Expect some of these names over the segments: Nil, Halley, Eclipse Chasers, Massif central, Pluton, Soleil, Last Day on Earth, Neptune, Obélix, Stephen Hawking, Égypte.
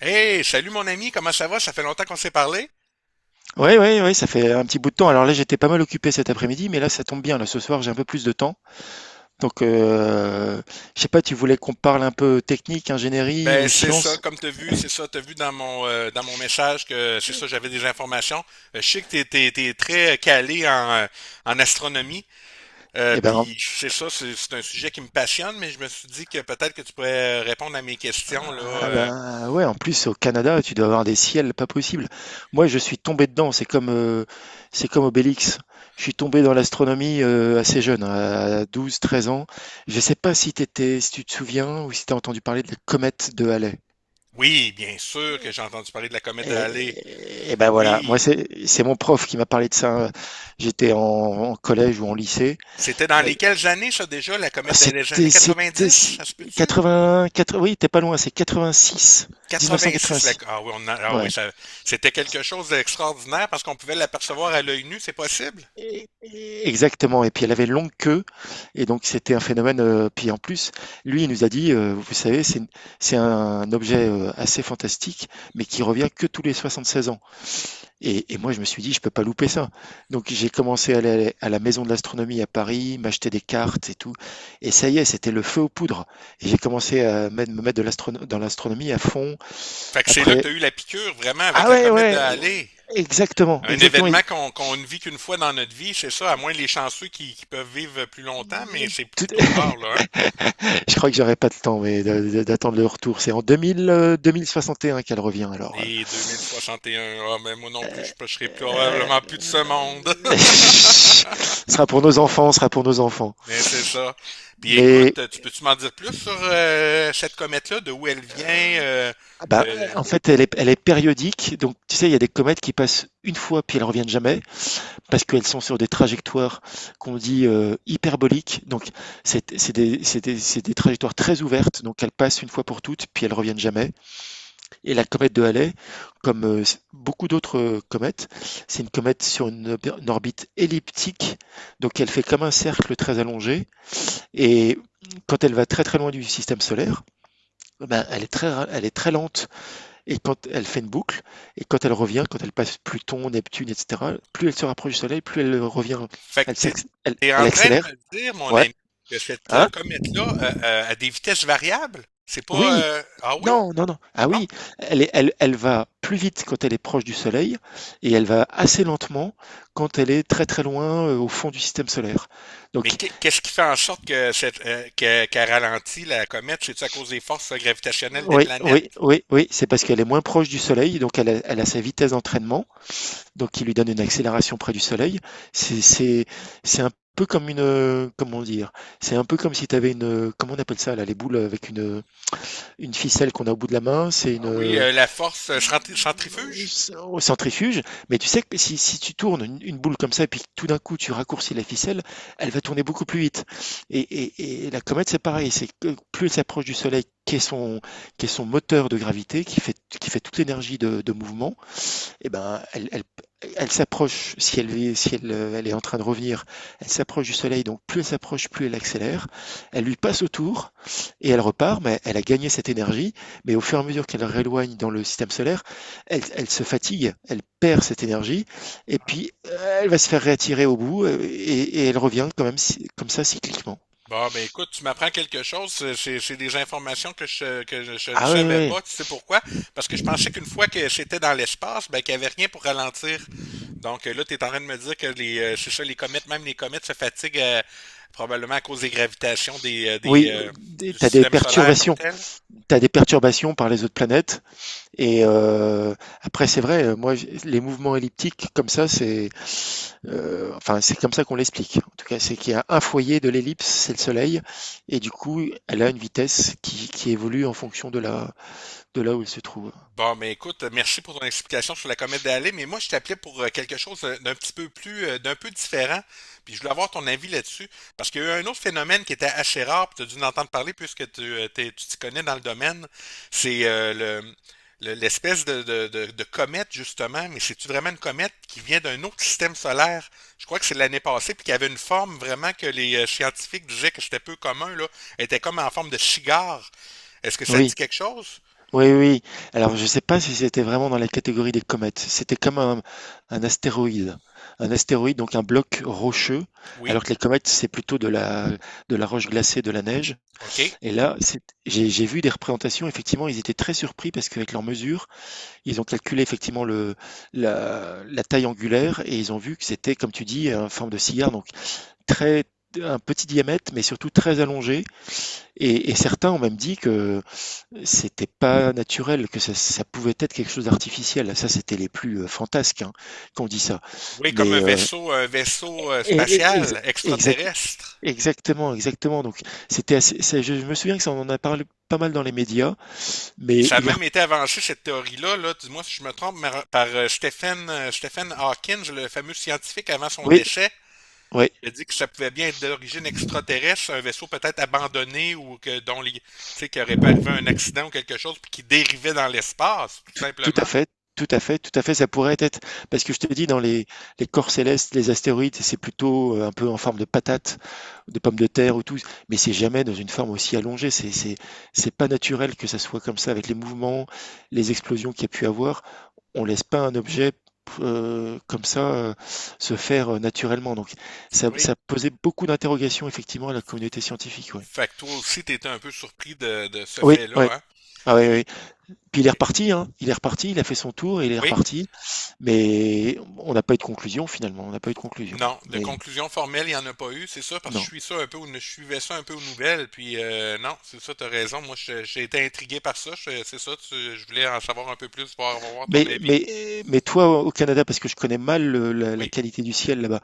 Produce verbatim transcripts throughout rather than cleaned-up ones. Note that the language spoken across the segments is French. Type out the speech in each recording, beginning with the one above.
Hey, salut mon ami, comment ça va? Ça fait longtemps qu'on s'est parlé? Ouais, ouais, ouais, ça fait un petit bout de temps. Alors là, j'étais pas mal occupé cet après-midi, mais là, ça tombe bien. Là, ce soir, j'ai un peu plus de temps. Donc, euh, je sais pas, tu voulais qu'on parle un peu technique, ingénierie Ben ou c'est ça, science? comme t'as vu, c'est ça, t'as vu dans mon euh, dans mon message que c'est ça, j'avais des informations. Euh, je sais que t'es t'es, t'es très calé en, euh, en astronomie, euh, Eh ben, puis c'est ça, c'est, c'est un sujet qui me passionne, mais je me suis dit que peut-être que tu pourrais répondre à mes questions là. ah euh. ben, ouais, en plus, au Canada, tu dois avoir des ciels pas possibles. Moi, je suis tombé dedans. C'est comme, euh, c'est comme Obélix. Je suis tombé dans l'astronomie euh, assez jeune, à douze, treize ans. Je sais pas si t'étais, si tu te souviens ou si t'as entendu parler de la comète de Halley. Oui, bien sûr que j'ai entendu parler de la comète de Halley. Et, et ben voilà, moi Oui, c'est c'est mon prof qui m'a parlé de ça. euh, J'étais en, en collège ou en lycée. c'était dans Euh, les quelles années ça déjà, la comète des années C'était c'était quatre-vingt-dix? c'est Ça se peut-tu? quatre-vingts, quatre-vingts, oui, t'es pas loin, c'est quatre-vingt-six, quatre-vingt-six, la- mille neuf cent quatre-vingt-six. ah oui, on a- ah oui, Ouais. ça- c'était quelque chose d'extraordinaire parce qu'on pouvait l'apercevoir à l'œil nu, c'est possible. et- et- Exactement. Et puis elle avait une longue queue, et donc c'était un phénomène. Euh, puis en plus, lui, il nous a dit, euh, vous savez, c'est c'est un objet euh, assez fantastique, mais qui revient que tous les soixante-seize ans. Et, et moi, je me suis dit, je peux pas louper ça. Donc, j'ai commencé à aller à la maison de l'astronomie à Paris, m'acheter des cartes et tout. Et ça y est, c'était le feu aux poudres. Et j'ai commencé à mettre- me mettre de l'astrono- dans l'astronomie à fond. Fait que c'est là que Après, tu as eu la piqûre, vraiment, avec ah la ouais, comète de ouais, ouais, Halley. exactement, Un exactement. événement Et qu'on qu'on ne vit qu'une fois dans notre vie, c'est ça, à moins les chanceux qui, qui peuvent vivre plus longtemps, mais c'est tout- plutôt rare, là. hein. Je crois que j'aurai pas le temps, mais de- de- d'attendre le retour. C'est en deux mille, euh, deux mille soixante et un qu'elle revient. Alors, Et deux mille soixante et un, ah, mais moi non plus, je ne serai euh, probablement plus de ce monde. ce sera pour nos enfants, ce sera pour nos enfants. Mais c'est ça. Puis écoute, Mais tu peux-tu m'en dire plus sur euh, cette comète-là, de où elle vient, euh, ah bah, euh, en fait, elle est, elle est périodique. Donc, tu sais, il y a des comètes qui passent une fois puis elles reviennent jamais parce qu'elles sont sur des trajectoires qu'on dit euh, hyperboliques. Donc, c'est c'est des, c'est des- c'est des trajectoires très ouvertes. Donc, elles passent une fois pour toutes puis elles reviennent jamais. Et la comète de Halley, comme euh, s- beaucoup d'autres euh, comètes, c'est une comète sur une, ob- une orbite elliptique. Donc, elle fait comme un cercle très allongé. Et quand elle va très très loin du système solaire, eh ben, elle est très, ra- elle est très lente, et quand elle fait une boucle, et quand elle revient, quand elle passe Pluton, Neptune, et cetera, plus elle se rapproche du Soleil, plus elle revient, Fait que elle, t'es, s'acc- elle- t'es en elle train de accélère. me dire, mon Ouais. ami, que cette euh, Hein? comète-là euh, euh, a des vitesses variables? C'est pas... Oui. euh, Ah oui? Non, non, non. Ah Non? oui. Elle, est- elle, elle va plus vite quand elle est proche du Soleil, et elle va assez lentement quand elle est très très loin euh, au fond du système solaire. Mais Donc, qu'est- qu'est-ce qui fait en sorte que cette, euh, que- qu'elle ralentit la comète? C'est-tu à cause des forces euh, gravitationnelles des oui, planètes? oui, oui, oui, c'est parce qu'elle est moins proche du Soleil, donc elle a, elle a sa vitesse d'entraînement, donc qui lui donne une accélération près du Soleil. C'est c'est c'est un peu comme une euh, comment dire, c'est un peu comme si tu avais une euh, comment on appelle ça là, les boules avec une euh, une ficelle qu'on a au bout de la main, c'est une Ah oui, euh, euh, la force euh, centri- centrifuge? au centrifuge. Mais tu sais que si, si tu tournes une, une boule comme ça et puis que tout d'un coup tu raccourcis la ficelle, elle Oui. va tourner beaucoup plus vite. Et, et, et la comète, c'est pareil, c'est que plus elle s'approche du soleil, qui est son qui est son moteur de gravité, qui fait qui fait toute l'énergie de, de mouvement, eh ben, elle, elle, elle s'approche, si, elle est, si elle, euh, elle est en train de revenir, elle s'approche du soleil, donc plus elle s'approche, plus elle accélère. Elle lui passe autour et elle repart, mais elle a gagné cette énergie. Mais au fur et à mesure qu'elle rééloigne dans le système solaire, elle, elle se fatigue, elle perd cette énergie, et puis euh, elle va se faire réattirer au bout, euh, et, et elle revient quand même, si- comme ça, cycliquement. Bon, ben écoute, tu m'apprends quelque chose. C'est c'est- c'est des informations que je, que je, je ne Ah oui, savais oui. pas. Tu sais pourquoi? Parce que je pensais qu'une fois que c'était dans l'espace, ben qu'il n'y avait rien pour ralentir. Donc euh, là, tu es en train de me dire que les, euh, c'est ça, les comètes, même les comètes se fatiguent euh, probablement à cause des gravitations des, euh, des, Oui, euh, tu du as des système solaire comme perturbations. tel? Tu as des perturbations par les autres planètes. Et euh, après, c'est vrai, euh, moi, j- les mouvements elliptiques, comme ça, c'est euh, enfin, c'est comme ça qu'on l'explique. En tout cas, c'est qu'il y a un foyer de l'ellipse, c'est le Soleil, et du coup, elle a une vitesse qui, qui évolue en fonction de là, de là où elle se trouve. Bon, mais écoute, merci pour ton explication sur la comète Halley, mais moi je t'appelais pour euh, quelque chose euh, d'un petit peu plus, euh, d'un peu différent, puis je voulais avoir ton avis là-dessus, parce qu'il y a eu un autre phénomène qui était assez rare, puis tu as dû en entendre parler puisque tu euh, t'es- tu t'y connais dans le domaine, c'est euh, le, le- l'espèce de, de, de- de comète justement, mais c'est-tu vraiment une comète qui vient d'un autre système solaire? Je crois que c'est l'année passée, puis qui avait une forme vraiment que les euh, scientifiques disaient que c'était peu commun, là. Elle était comme en forme de cigare. Est-ce que ça te Oui, dit quelque chose? oui, oui. Alors, je ne sais pas si c'était vraiment dans la catégorie des comètes. C'était comme un, un astéroïde. Un astéroïde, donc un bloc rocheux, Oui, alors que les comètes, c'est plutôt de la, de la roche glacée, de la neige. OK. Et là, c'est- j'ai j'ai vu des représentations, effectivement, ils étaient très surpris parce qu'avec leurs mesures, ils ont calculé effectivement le, la, la taille angulaire, et ils ont vu que c'était, comme tu dis, une forme de cigare, donc très, un petit diamètre, mais surtout très allongé. Et, et certains ont même dit que c'était pas naturel, que ça, ça pouvait être quelque chose d'artificiel. Ça, c'était les plus euh, fantasques, hein, qu'on dit ça. Oui, comme un Mais euh, vaisseau, un vaisseau euh, et- et- ex- spatial exact- extraterrestre. exactement, exactement. Donc, c'était assez, ça- je, je me souviens que ça, on en a parlé pas mal dans les médias, Puis mais ça a il est, rep- même été avancé, cette théorie-là, là, dis-moi si je me trompe, mar- par euh, Stephen, euh, Stephen Hawking, le fameux scientifique avant son oui, décès. ouais, Il a dit que ça pouvait bien être d'origine extraterrestre, un vaisseau peut-être abandonné ou que dont les, tu sais, qu'il aurait pas arrivé un accident ou quelque chose, puis qui dérivait dans l'espace, tout tout, tout à simplement. fait, tout à fait, tout à fait. Ça pourrait être, parce que je te dis, dans les, les corps célestes, les astéroïdes, c'est plutôt euh, un peu en forme de patate, de pommes de terre ou tout, mais c'est jamais dans une forme aussi allongée. C'est c'est c'est pas naturel que ça soit comme ça avec les mouvements, les explosions qu'il y a pu avoir. On laisse pas un objet euh, comme ça, euh, se faire euh, naturellement. Donc ça, Oui. ça posait beaucoup d'interrogations effectivement à la communauté scientifique. Ouais. Fait que toi aussi, t'étais un peu surpris de, de ce Oui, ouais. fait-là, hein? Ah ouais, Puis, ouais. Puis il est eh, reparti, hein. Il est reparti, il a fait son tour et il est oui. reparti. Mais on n'a pas eu de conclusion finalement, on n'a pas eu de conclusion. Non, de Mais conclusion formelle, il n'y en a pas eu, c'est ça, parce que je non. suis ça un peu, aux- je suivais ça un peu aux nouvelles, puis euh, non, c'est ça, t'as raison. Moi, je- j'ai été intrigué par ça, je- c'est ça, tu- je voulais en savoir un peu plus, voir, voir ton Mais avis. mais mais toi, au Canada, parce que je connais mal le- la la Oui, qualité du ciel là-bas.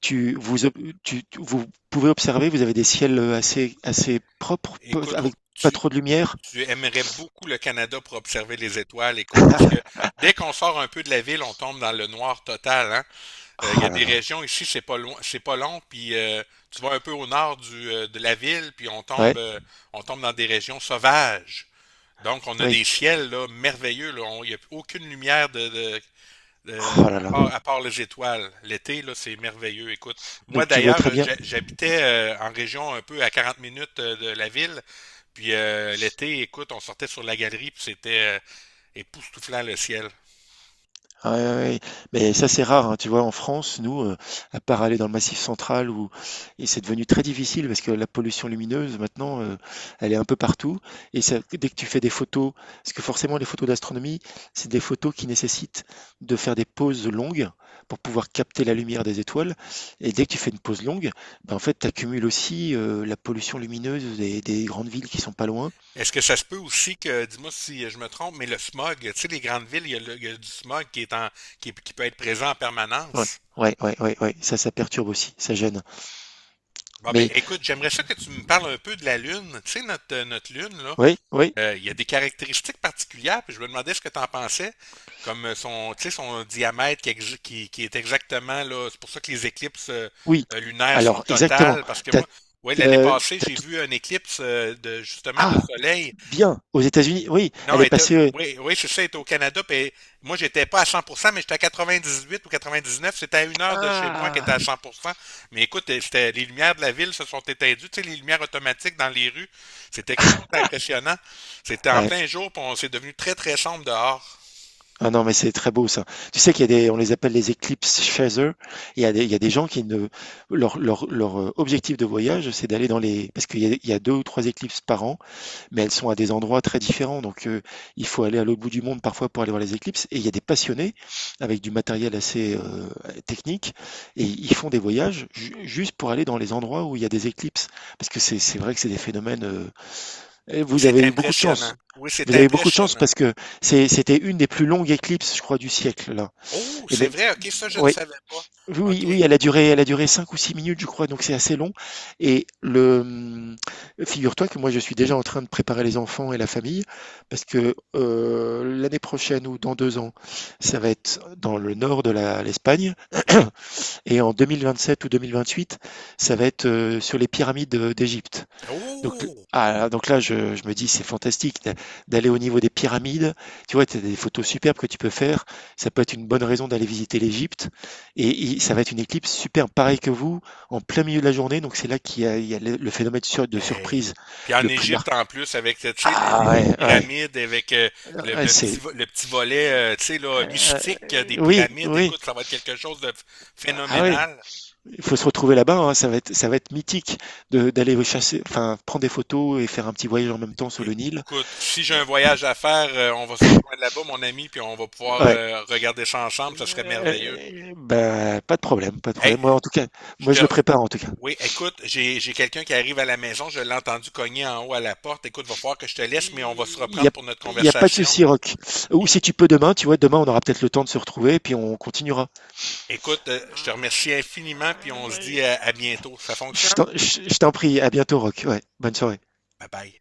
Tu, vous, ob- tu, tu- vous pouvez observer, vous avez des ciels euh, assez, assez propres, peu- écoute, oh, avec pas tu, trop de lumière. tu aimerais beaucoup le Canada pour observer les étoiles, écoute, parce que dès qu'on sort un peu de la ville, on tombe dans le noir total, hein. Euh, Il y Ah a là des là. régions ici, c'est pas loin, c'est pas long, puis euh, tu vas un peu au nord du, euh, de la ville, puis on tombe, Ouais, euh, on tombe dans des régions sauvages. Donc, on a des oui. ciels là, merveilleux. Là. On- Il n'y a aucune lumière de, de- de- Ah là à là. part, à part les étoiles. L'été, là, c'est merveilleux. Écoute, moi Donc tu vois d'ailleurs, très euh, bien. j'ha- j'habitais euh, en région un peu à quarante minutes euh, de la ville. Puis euh, l'été, écoute, on sortait sur la galerie, puis c'était euh, époustouflant le ciel. Ah ouais, ouais. Mais ça, c'est rare, hein. Tu vois, en France, nous, euh, à part aller dans le Massif central, où et c'est devenu très difficile parce que la pollution lumineuse, maintenant, euh, elle est un peu partout. Et ça, dès que tu fais des photos, parce que forcément, les photos d'astronomie, c'est des photos qui nécessitent de faire des pauses longues pour pouvoir capter la lumière des étoiles. Et dès que tu fais une pause longue, ben, en fait, tu accumules aussi euh, la pollution lumineuse des, des grandes villes qui sont pas loin. Est-ce que ça se peut aussi que, dis-moi si je me trompe, mais le smog, tu sais, les grandes villes, il y a, le- il y a du smog qui est en, qui, qui peut être présent en Ouais, permanence. ouais, ouais, ouais, ouais. Ça, ça perturbe aussi, ça gêne. Bon, ben, Mais écoute, j'aimerais ça que tu me parles un peu de la Lune. Tu sais, notre, euh, notre Lune, là. oui, oui. Euh, il y a des caractéristiques particulières, puis je me demandais ce que tu en pensais, comme euh, son, tu sais, son diamètre qui, exi- qui, qui est exactement là. C'est pour ça que les éclipses euh, Oui, euh, lunaires sont alors exactement. totales, parce que T'as moi, ouais, l'année as passée, tu j'ai tout vu un éclipse euh, de justement de ah! soleil. Bien, aux États-Unis, oui, Non, elle elle est était, passée. Heu oui, oui, c'est ça, elle était au Canada. Puis moi, j'étais pas à cent pour cent, mais j'étais à quatre-vingt-dix-huit ou quatre-vingt-dix-neuf. C'était à une heure de chez moi qui Ah! était à cent pour cent. Mais écoute, c'était, les lumières de la ville se sont éteindues, tu sais, les lumières automatiques dans les rues. C'était quelque chose d'impressionnant. C'était en Ouais. plein jour, puis on s'est devenu très, très sombre dehors. Ah non, mais c'est très beau ça. Tu sais qu'il y a des on les appelle les Eclipse Chasers. Il y a des il y a des gens qui ne leur leur leur, heu, objectif de voyage, c'est d'aller dans les parce qu'il y a il y a deux ou trois éclipses par an, mais elles sont à des endroits très différents. Donc, euh, il faut aller à l'autre bout du monde parfois pour aller voir les éclipses. Et il y a des passionnés avec du matériel assez euh, technique, et ils font des voyages ju- juste pour aller dans les endroits où il y a des éclipses. Parce que c'est c'est vrai que c'est des phénomènes, euh, et vous C'est avez eu beaucoup de impressionnant. chance. Oui, c'est Vous avez eu beaucoup de chance impressionnant. parce que c'est- c'était une des plus longues éclipses, je crois, du siècle là. Oh, Et c'est mais vrai, ok, ça, je ne ouais, savais pas. oui, Ok, oui, elle a duré, elle a duré cinq ou six minutes, je crois, donc c'est assez long. Et le, hum, figure-toi que moi, je suis déjà en train de préparer les enfants et la famille, parce que euh, l'année prochaine ou dans deux ans, ça va être dans le nord de la- l'Espagne, oui. et en deux mille vingt-sept ou deux mille vingt-huit, ça va être euh, sur les pyramides euh, d'Égypte. Donc, Oh! ah, donc là, je, je me dis, c'est fantastique d'a- d'aller au niveau des pyramides. Tu vois, tu as des photos superbes que tu peux faire. Ça peut être une bonne raison d'aller visiter l'Égypte. Et, il- ça va être une éclipse superbe, pareil que vous, en plein milieu de la journée. Donc c'est là qu'il y a, il y a le, le phénomène de sur- de Hey. surprise Puis en le plus Égypte, marqué. en plus, avec tu sais, les, les- Ah les ouais, ouais, pyramides, avec euh, le, ouais, le petit, c'est... vo- le petit volet euh, tu sais, là, euh, mystique euh, des oui, pyramides, oui. écoute, ça va être quelque chose de ph- Ah ouais, phénoménal. il faut se retrouver là-bas, hein, ça va être, ça va être mythique de, d'aller chasser, enfin, prendre des photos et faire un petit voyage en même temps sur le Nil. Écoute, si j'ai un voyage à faire, euh, on va se rejoindre là-bas, mon ami, puis on va pouvoir Ouais. euh, regarder ça ensemble, ça serait merveilleux. Euh, Bah, pas de problème, pas de Hey, problème. Moi, en tout cas, je moi, te... je le prépare, en tout cas. Oui, écoute, j'ai, j'ai quelqu'un qui arrive à la maison, je l'ai entendu cogner en haut à la porte. Écoute, va falloir que je te laisse, mais on va se Il n'y reprendre a, pour notre il y a pas de conversation. souci, Rock. Ou Puis si tu peux demain, tu vois, demain, on aura peut-être le temps de se retrouver, puis on continuera. écoute, euh, je te remercie infiniment, puis on se dit à, à bientôt. Ça Je t'en fonctionne? je- je t'en prie, à bientôt, Rock. Ouais, bonne soirée. Bye bye.